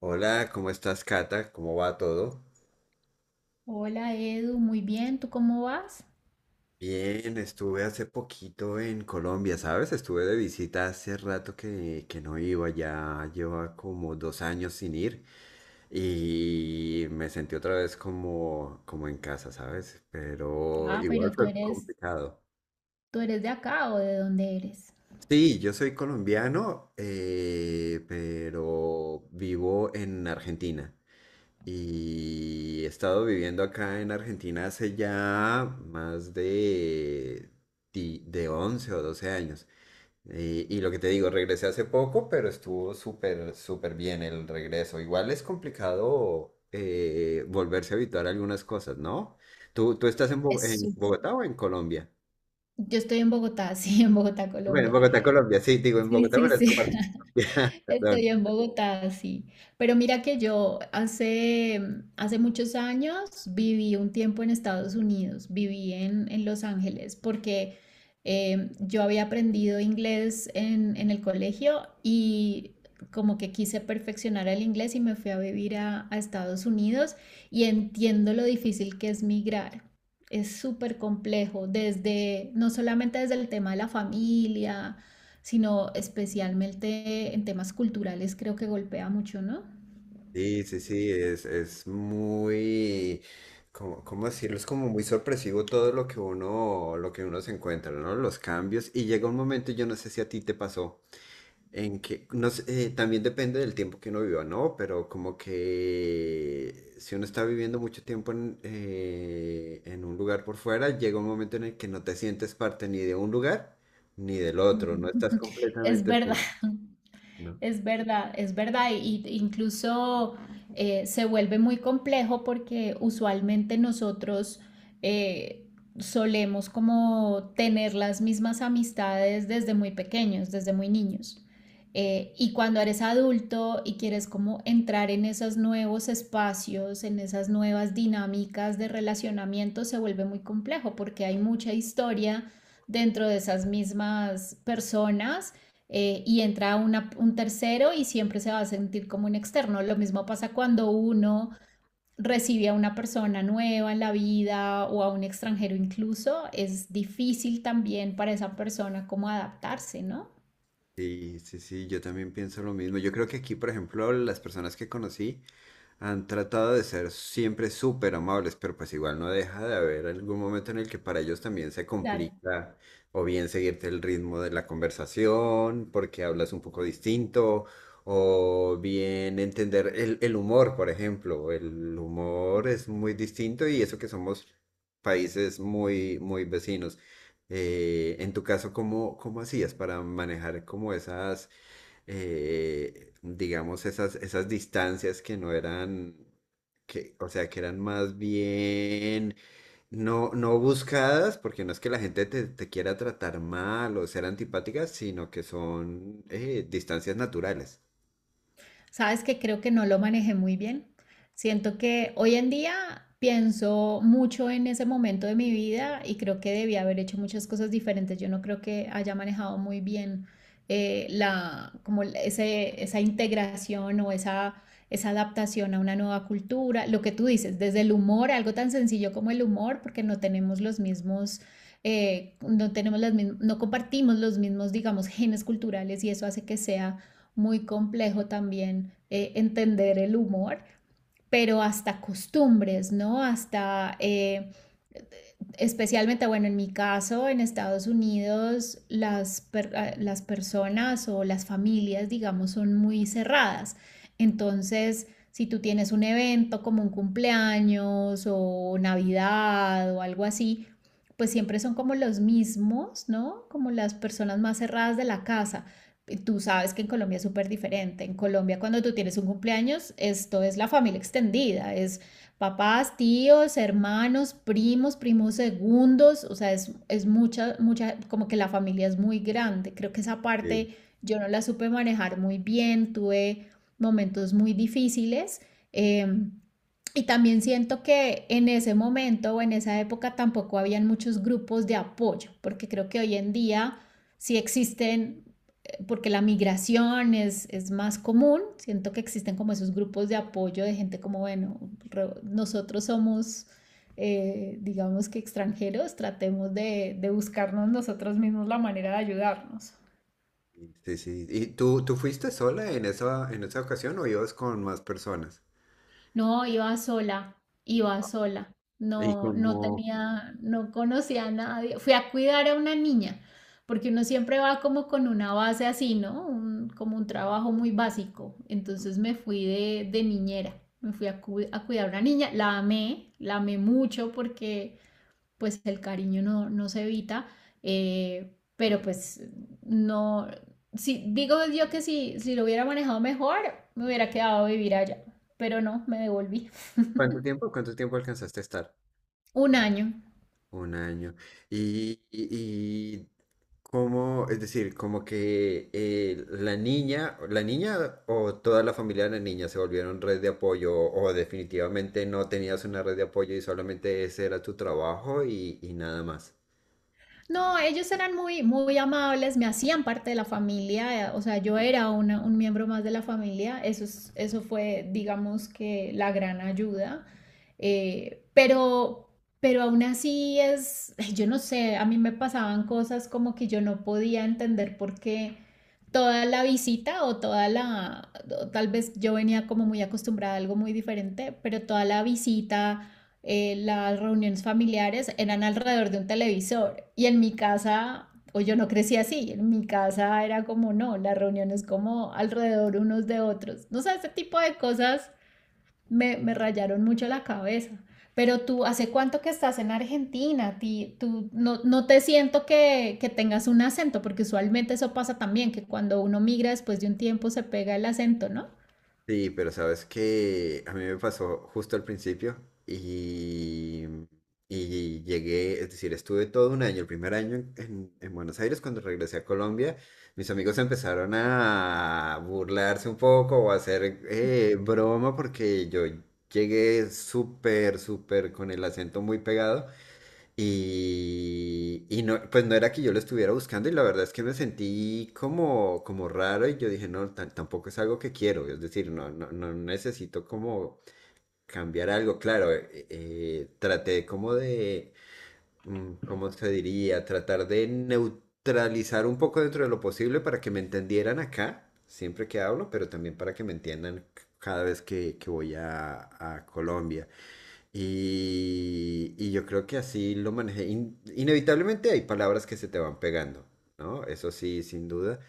Hola, ¿cómo estás, Cata? ¿Cómo va todo? Hola Edu, muy bien, ¿tú cómo vas? Bien, estuve hace poquito en Colombia, ¿sabes? Estuve de visita hace rato que no iba, ya lleva como 2 años sin ir y me sentí otra vez como en casa, ¿sabes? Pero Ah, igual pero fue complicado. tú eres de acá o ¿de dónde eres? Sí, yo soy colombiano, pero vivo en Argentina. Y he estado viviendo acá en Argentina hace ya de 11 o 12 años. Y lo que te digo, regresé hace poco, pero estuvo súper, súper bien el regreso. Igual es complicado volverse a habituar a algunas cosas, ¿no? ¿Tú estás Es en súper. Bogotá o en Colombia? Yo estoy en Bogotá, sí, en Bogotá, Bueno, en Colombia. Bogotá, Colombia, sí, digo, en Sí, Bogotá, sí, bueno, esta sí. parte. Perdón. Estoy en Bogotá, sí. Pero mira que yo hace, hace muchos años viví un tiempo en Estados Unidos, viví en Los Ángeles, porque yo había aprendido inglés en el colegio y como que quise perfeccionar el inglés y me fui a vivir a Estados Unidos y entiendo lo difícil que es migrar. Es súper complejo, desde, no solamente desde el tema de la familia, sino especialmente en temas culturales creo que golpea mucho, ¿no? Sí, sí, sí, es muy, ¿cómo decirlo? Es como muy sorpresivo todo lo que uno se encuentra, ¿no? Los cambios. Y llega un momento, yo no sé si a ti te pasó, en que, no sé, también depende del tiempo que uno viva, ¿no? Pero como que si uno está viviendo mucho tiempo en un lugar por fuera, llega un momento en el que no te sientes parte ni de un lugar ni del Ujú. otro, no estás Es completamente verdad. siendo, ¿no? Es verdad, y incluso se vuelve muy complejo porque usualmente nosotros eh, solemos como tener las mismas amistades desde muy pequeños, desde muy niños. Y cuando eres adulto y quieres como entrar en esos nuevos espacios, en esas nuevas dinámicas de relacionamiento, se vuelve muy complejo porque hay mucha historia dentro de esas mismas personas y entra un tercero y siempre se va a sentir como un externo. Lo mismo pasa cuando uno recibe a una persona nueva en la vida o a un extranjero incluso, es difícil también para esa persona como adaptarse, ¿no? Sí, sí, sí, yo también pienso lo mismo. Yo creo que aquí, por ejemplo, las personas que conocí han tratado de ser siempre súper amables, pero pues igual no deja de haber algún momento en el que para ellos también se Claro. complica o bien seguirte el ritmo de la conversación porque hablas un poco distinto o bien entender el humor, por ejemplo. El humor es muy distinto y eso que somos países muy, muy vecinos. En tu caso, ¿cómo hacías para manejar como esas digamos, esas distancias que no eran, que, o sea, que eran más bien no buscadas, porque no es que la gente te quiera tratar mal o ser antipática sino que son distancias naturales. Sabes que creo que no lo manejé muy bien. Siento que hoy en día pienso mucho en ese momento de mi vida y creo que debía haber hecho muchas cosas diferentes. Yo no creo que haya manejado muy bien la, como esa integración o esa adaptación a una nueva cultura. Lo que tú dices, desde el humor, algo tan sencillo como el humor, porque no tenemos los mismos no tenemos las no compartimos los mismos, digamos, genes culturales y eso hace que sea muy complejo también entender el humor, pero hasta costumbres, ¿no? Hasta especialmente, bueno, en mi caso, en Estados Unidos, las, las personas o las familias, digamos, son muy cerradas. Entonces, si tú tienes un evento como un cumpleaños o Navidad o algo así, pues siempre son como los mismos, ¿no? Como las personas más cerradas de la casa. Tú sabes que en Colombia es súper diferente. En Colombia, cuando tú tienes un cumpleaños, esto es la familia extendida, es papás, tíos, hermanos, primos, primos segundos, o sea, es mucha, mucha, como que la familia es muy grande. Creo que esa Sí, parte yo no la supe manejar muy bien, tuve momentos muy difíciles. eh, y también siento que en ese momento o en esa época tampoco habían muchos grupos de apoyo, porque creo que hoy en día sí existen porque la migración es, más común, siento que existen como esos grupos de apoyo de gente como, bueno, re, nosotros somos, digamos que extranjeros, tratemos de buscarnos nosotros mismos la manera de ayudarnos. sí, sí. ¿Y tú fuiste sola en en esa ocasión o ibas con más personas? No, iba sola, iba sola. ¿Y No, no cómo, tenía, no conocía a nadie. Fui a cuidar a una niña, porque uno siempre va como con una base así, ¿no? Como un trabajo muy básico. Entonces me fui de niñera, me fui a, a cuidar a una niña. La amé mucho porque pues el cariño no, no se evita, pero pues no, si, digo yo que si, si lo hubiera manejado mejor, me hubiera quedado a vivir allá, pero no, me devolví. Cuánto tiempo alcanzaste a estar? Un año. 1 año. Y, y, y cómo, es decir, como que la niña o toda la familia de la niña se volvieron red de apoyo o definitivamente no tenías una red de apoyo y solamente ese era tu trabajo y nada más. No, ellos eran muy, muy amables, me hacían parte de la familia, o sea, yo era un miembro más de la familia, eso, eso fue, digamos que, la gran ayuda, eh, pero, pero aún así es, yo no sé, a mí me pasaban cosas como que yo no podía entender por qué toda la visita o toda la, o tal vez yo venía como muy acostumbrada a algo muy diferente, pero toda la visita las reuniones familiares eran alrededor de un televisor y en mi casa, o yo no crecí así, en mi casa era como no, las reuniones como alrededor unos de otros. No sé, ese tipo de cosas me, me rayaron mucho la cabeza. Pero tú, ¿hace cuánto que estás en Argentina? Tú no, no te siento que tengas un acento, porque usualmente eso pasa también, que cuando uno migra después de un tiempo se pega el acento, ¿no? Sí, pero sabes que a mí me pasó justo al principio y, y llegué, es decir, estuve todo 1 año, el primer año en Buenos Aires, cuando regresé a Colombia, mis amigos empezaron a burlarse un poco o a hacer broma porque yo llegué súper, súper con el acento muy pegado. Y no, pues no era que yo lo estuviera buscando y la verdad es que me sentí como, como raro y yo dije, no, tampoco es algo que quiero, es decir, no necesito como cambiar algo, claro, traté como de. ¿Cómo se diría? Tratar de neutralizar un poco dentro de lo posible para que me entendieran acá, siempre que hablo, pero también para que me entiendan cada vez que voy a Colombia. Y yo creo que así lo manejé. In- inevitablemente hay palabras que se te van pegando, ¿no? Eso sí, sin duda.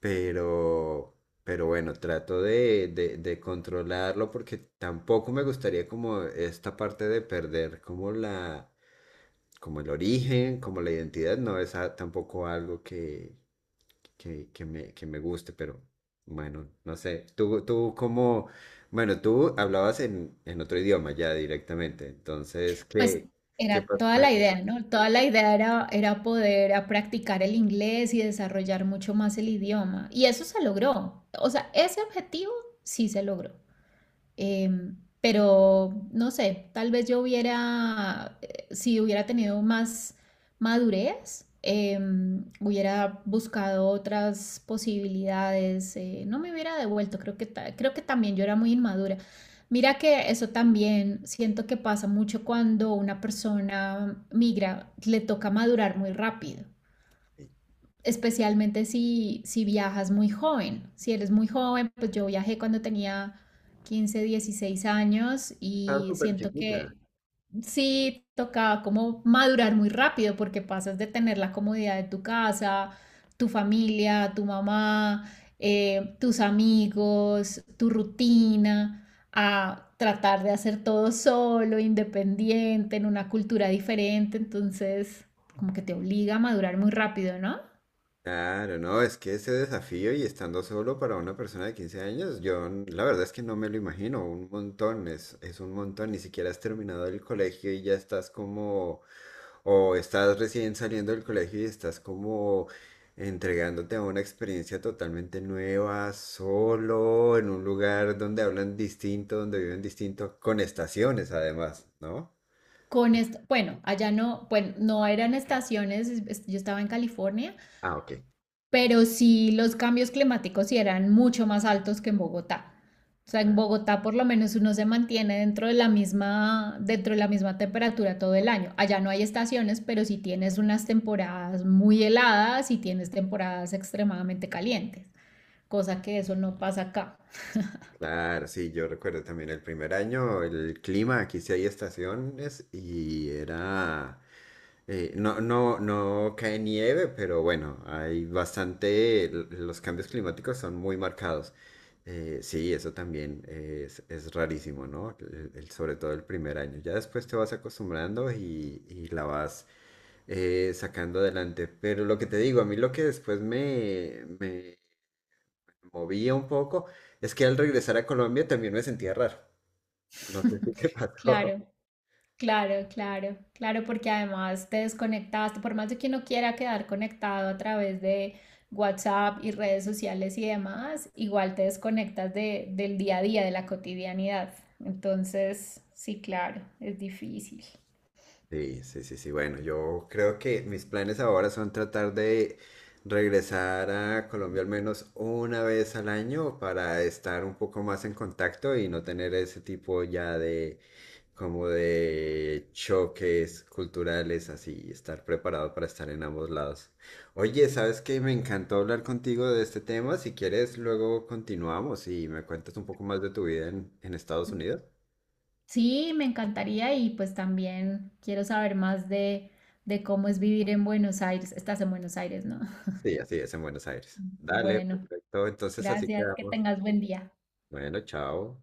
Pero, pero bueno, trato de controlarlo porque tampoco me gustaría como esta parte de perder como como el origen, como la identidad. No es tampoco algo que me guste, pero bueno, no sé. Tú cómo bueno, tú hablabas en otro idioma ya directamente, entonces, Pues ¿qué, qué era pasó toda con el la inglés? idea, ¿no? Toda la idea era, era poder a practicar el inglés y desarrollar mucho más el idioma. Y eso se logró. O sea, ese objetivo sí se logró. Em, pero no sé, tal vez yo hubiera, si hubiera tenido más madurez, hubiera buscado otras posibilidades, no me hubiera devuelto, creo que, creo que también yo era muy inmadura. Mira que eso también siento que pasa mucho cuando una persona migra, le toca madurar muy rápido especialmente si, si viajas muy joven. Si eres muy joven, pues yo viajé cuando tenía 15 16 años Estaba y súper siento que chiquita. sí tocaba como madurar muy rápido porque pasas de tener la comodidad de tu casa, tu familia, tu mamá, tus amigos, tu rutina, a tratar de hacer todo solo, independiente, en una cultura diferente. Entonces, como que te obliga a madurar muy rápido, ¿no? Claro, no, es que ese desafío y estando solo para una persona de 15 años, yo la verdad es que no me lo imagino, un montón, es un montón, ni siquiera has terminado el colegio y ya estás como o estás recién saliendo del colegio y estás como entregándote a una experiencia totalmente nueva, solo, en un lugar donde hablan distinto, donde viven distinto, con estaciones además, ¿no? Con esto, bueno, allá no, bueno, no eran estaciones, yo estaba en California, Ah, ok. pero sí los cambios climáticos sí eran mucho más altos que en Bogotá. O sea, en Bogotá por lo menos uno se mantiene dentro de la misma, dentro de la misma temperatura todo el año. Allá no hay estaciones, pero sí tienes unas temporadas muy heladas y tienes temporadas extremadamente calientes, cosa que eso no pasa acá. Claro, sí, yo recuerdo también el primer año, el clima, aquí sí hay estaciones y era, no cae nieve, pero bueno, hay bastante, los cambios climáticos son muy marcados. Sí, eso también es rarísimo, ¿no? El- sobre todo el primer año. Ya después te vas acostumbrando y la vas sacando adelante. Pero lo que te digo, a mí lo que después me movía un poco. Es que al regresar a Colombia también me sentía raro. No sé si te pasó. Claro. Claro, claro, claro, porque además te desconectaste, por más de que uno quiera quedar conectado a través de WhatsApp y redes sociales y demás, igual te desconectas de, del día a día, de la cotidianidad. Entonces, sí, claro, es difícil. Sí, sí, sí, sí. Bueno, yo creo que mis planes ahora son tratar de regresar a Colombia al menos 1 vez al año para estar un poco más en contacto y no tener ese tipo ya de choques culturales así, y estar preparado para estar en ambos lados. Oye, ¿sabes qué? Me encantó hablar contigo de este tema. Si quieres, luego continuamos y me cuentas un poco más de tu vida en Estados Unidos. Sí, me encantaría y pues también quiero saber más de cómo es vivir en Buenos Aires. Estás en Buenos Aires, ¿no? Sí, así es en Buenos Aires. Dale, Bueno, perfecto. Entonces así gracias, que quedamos. tengas buen día. Bueno, chao.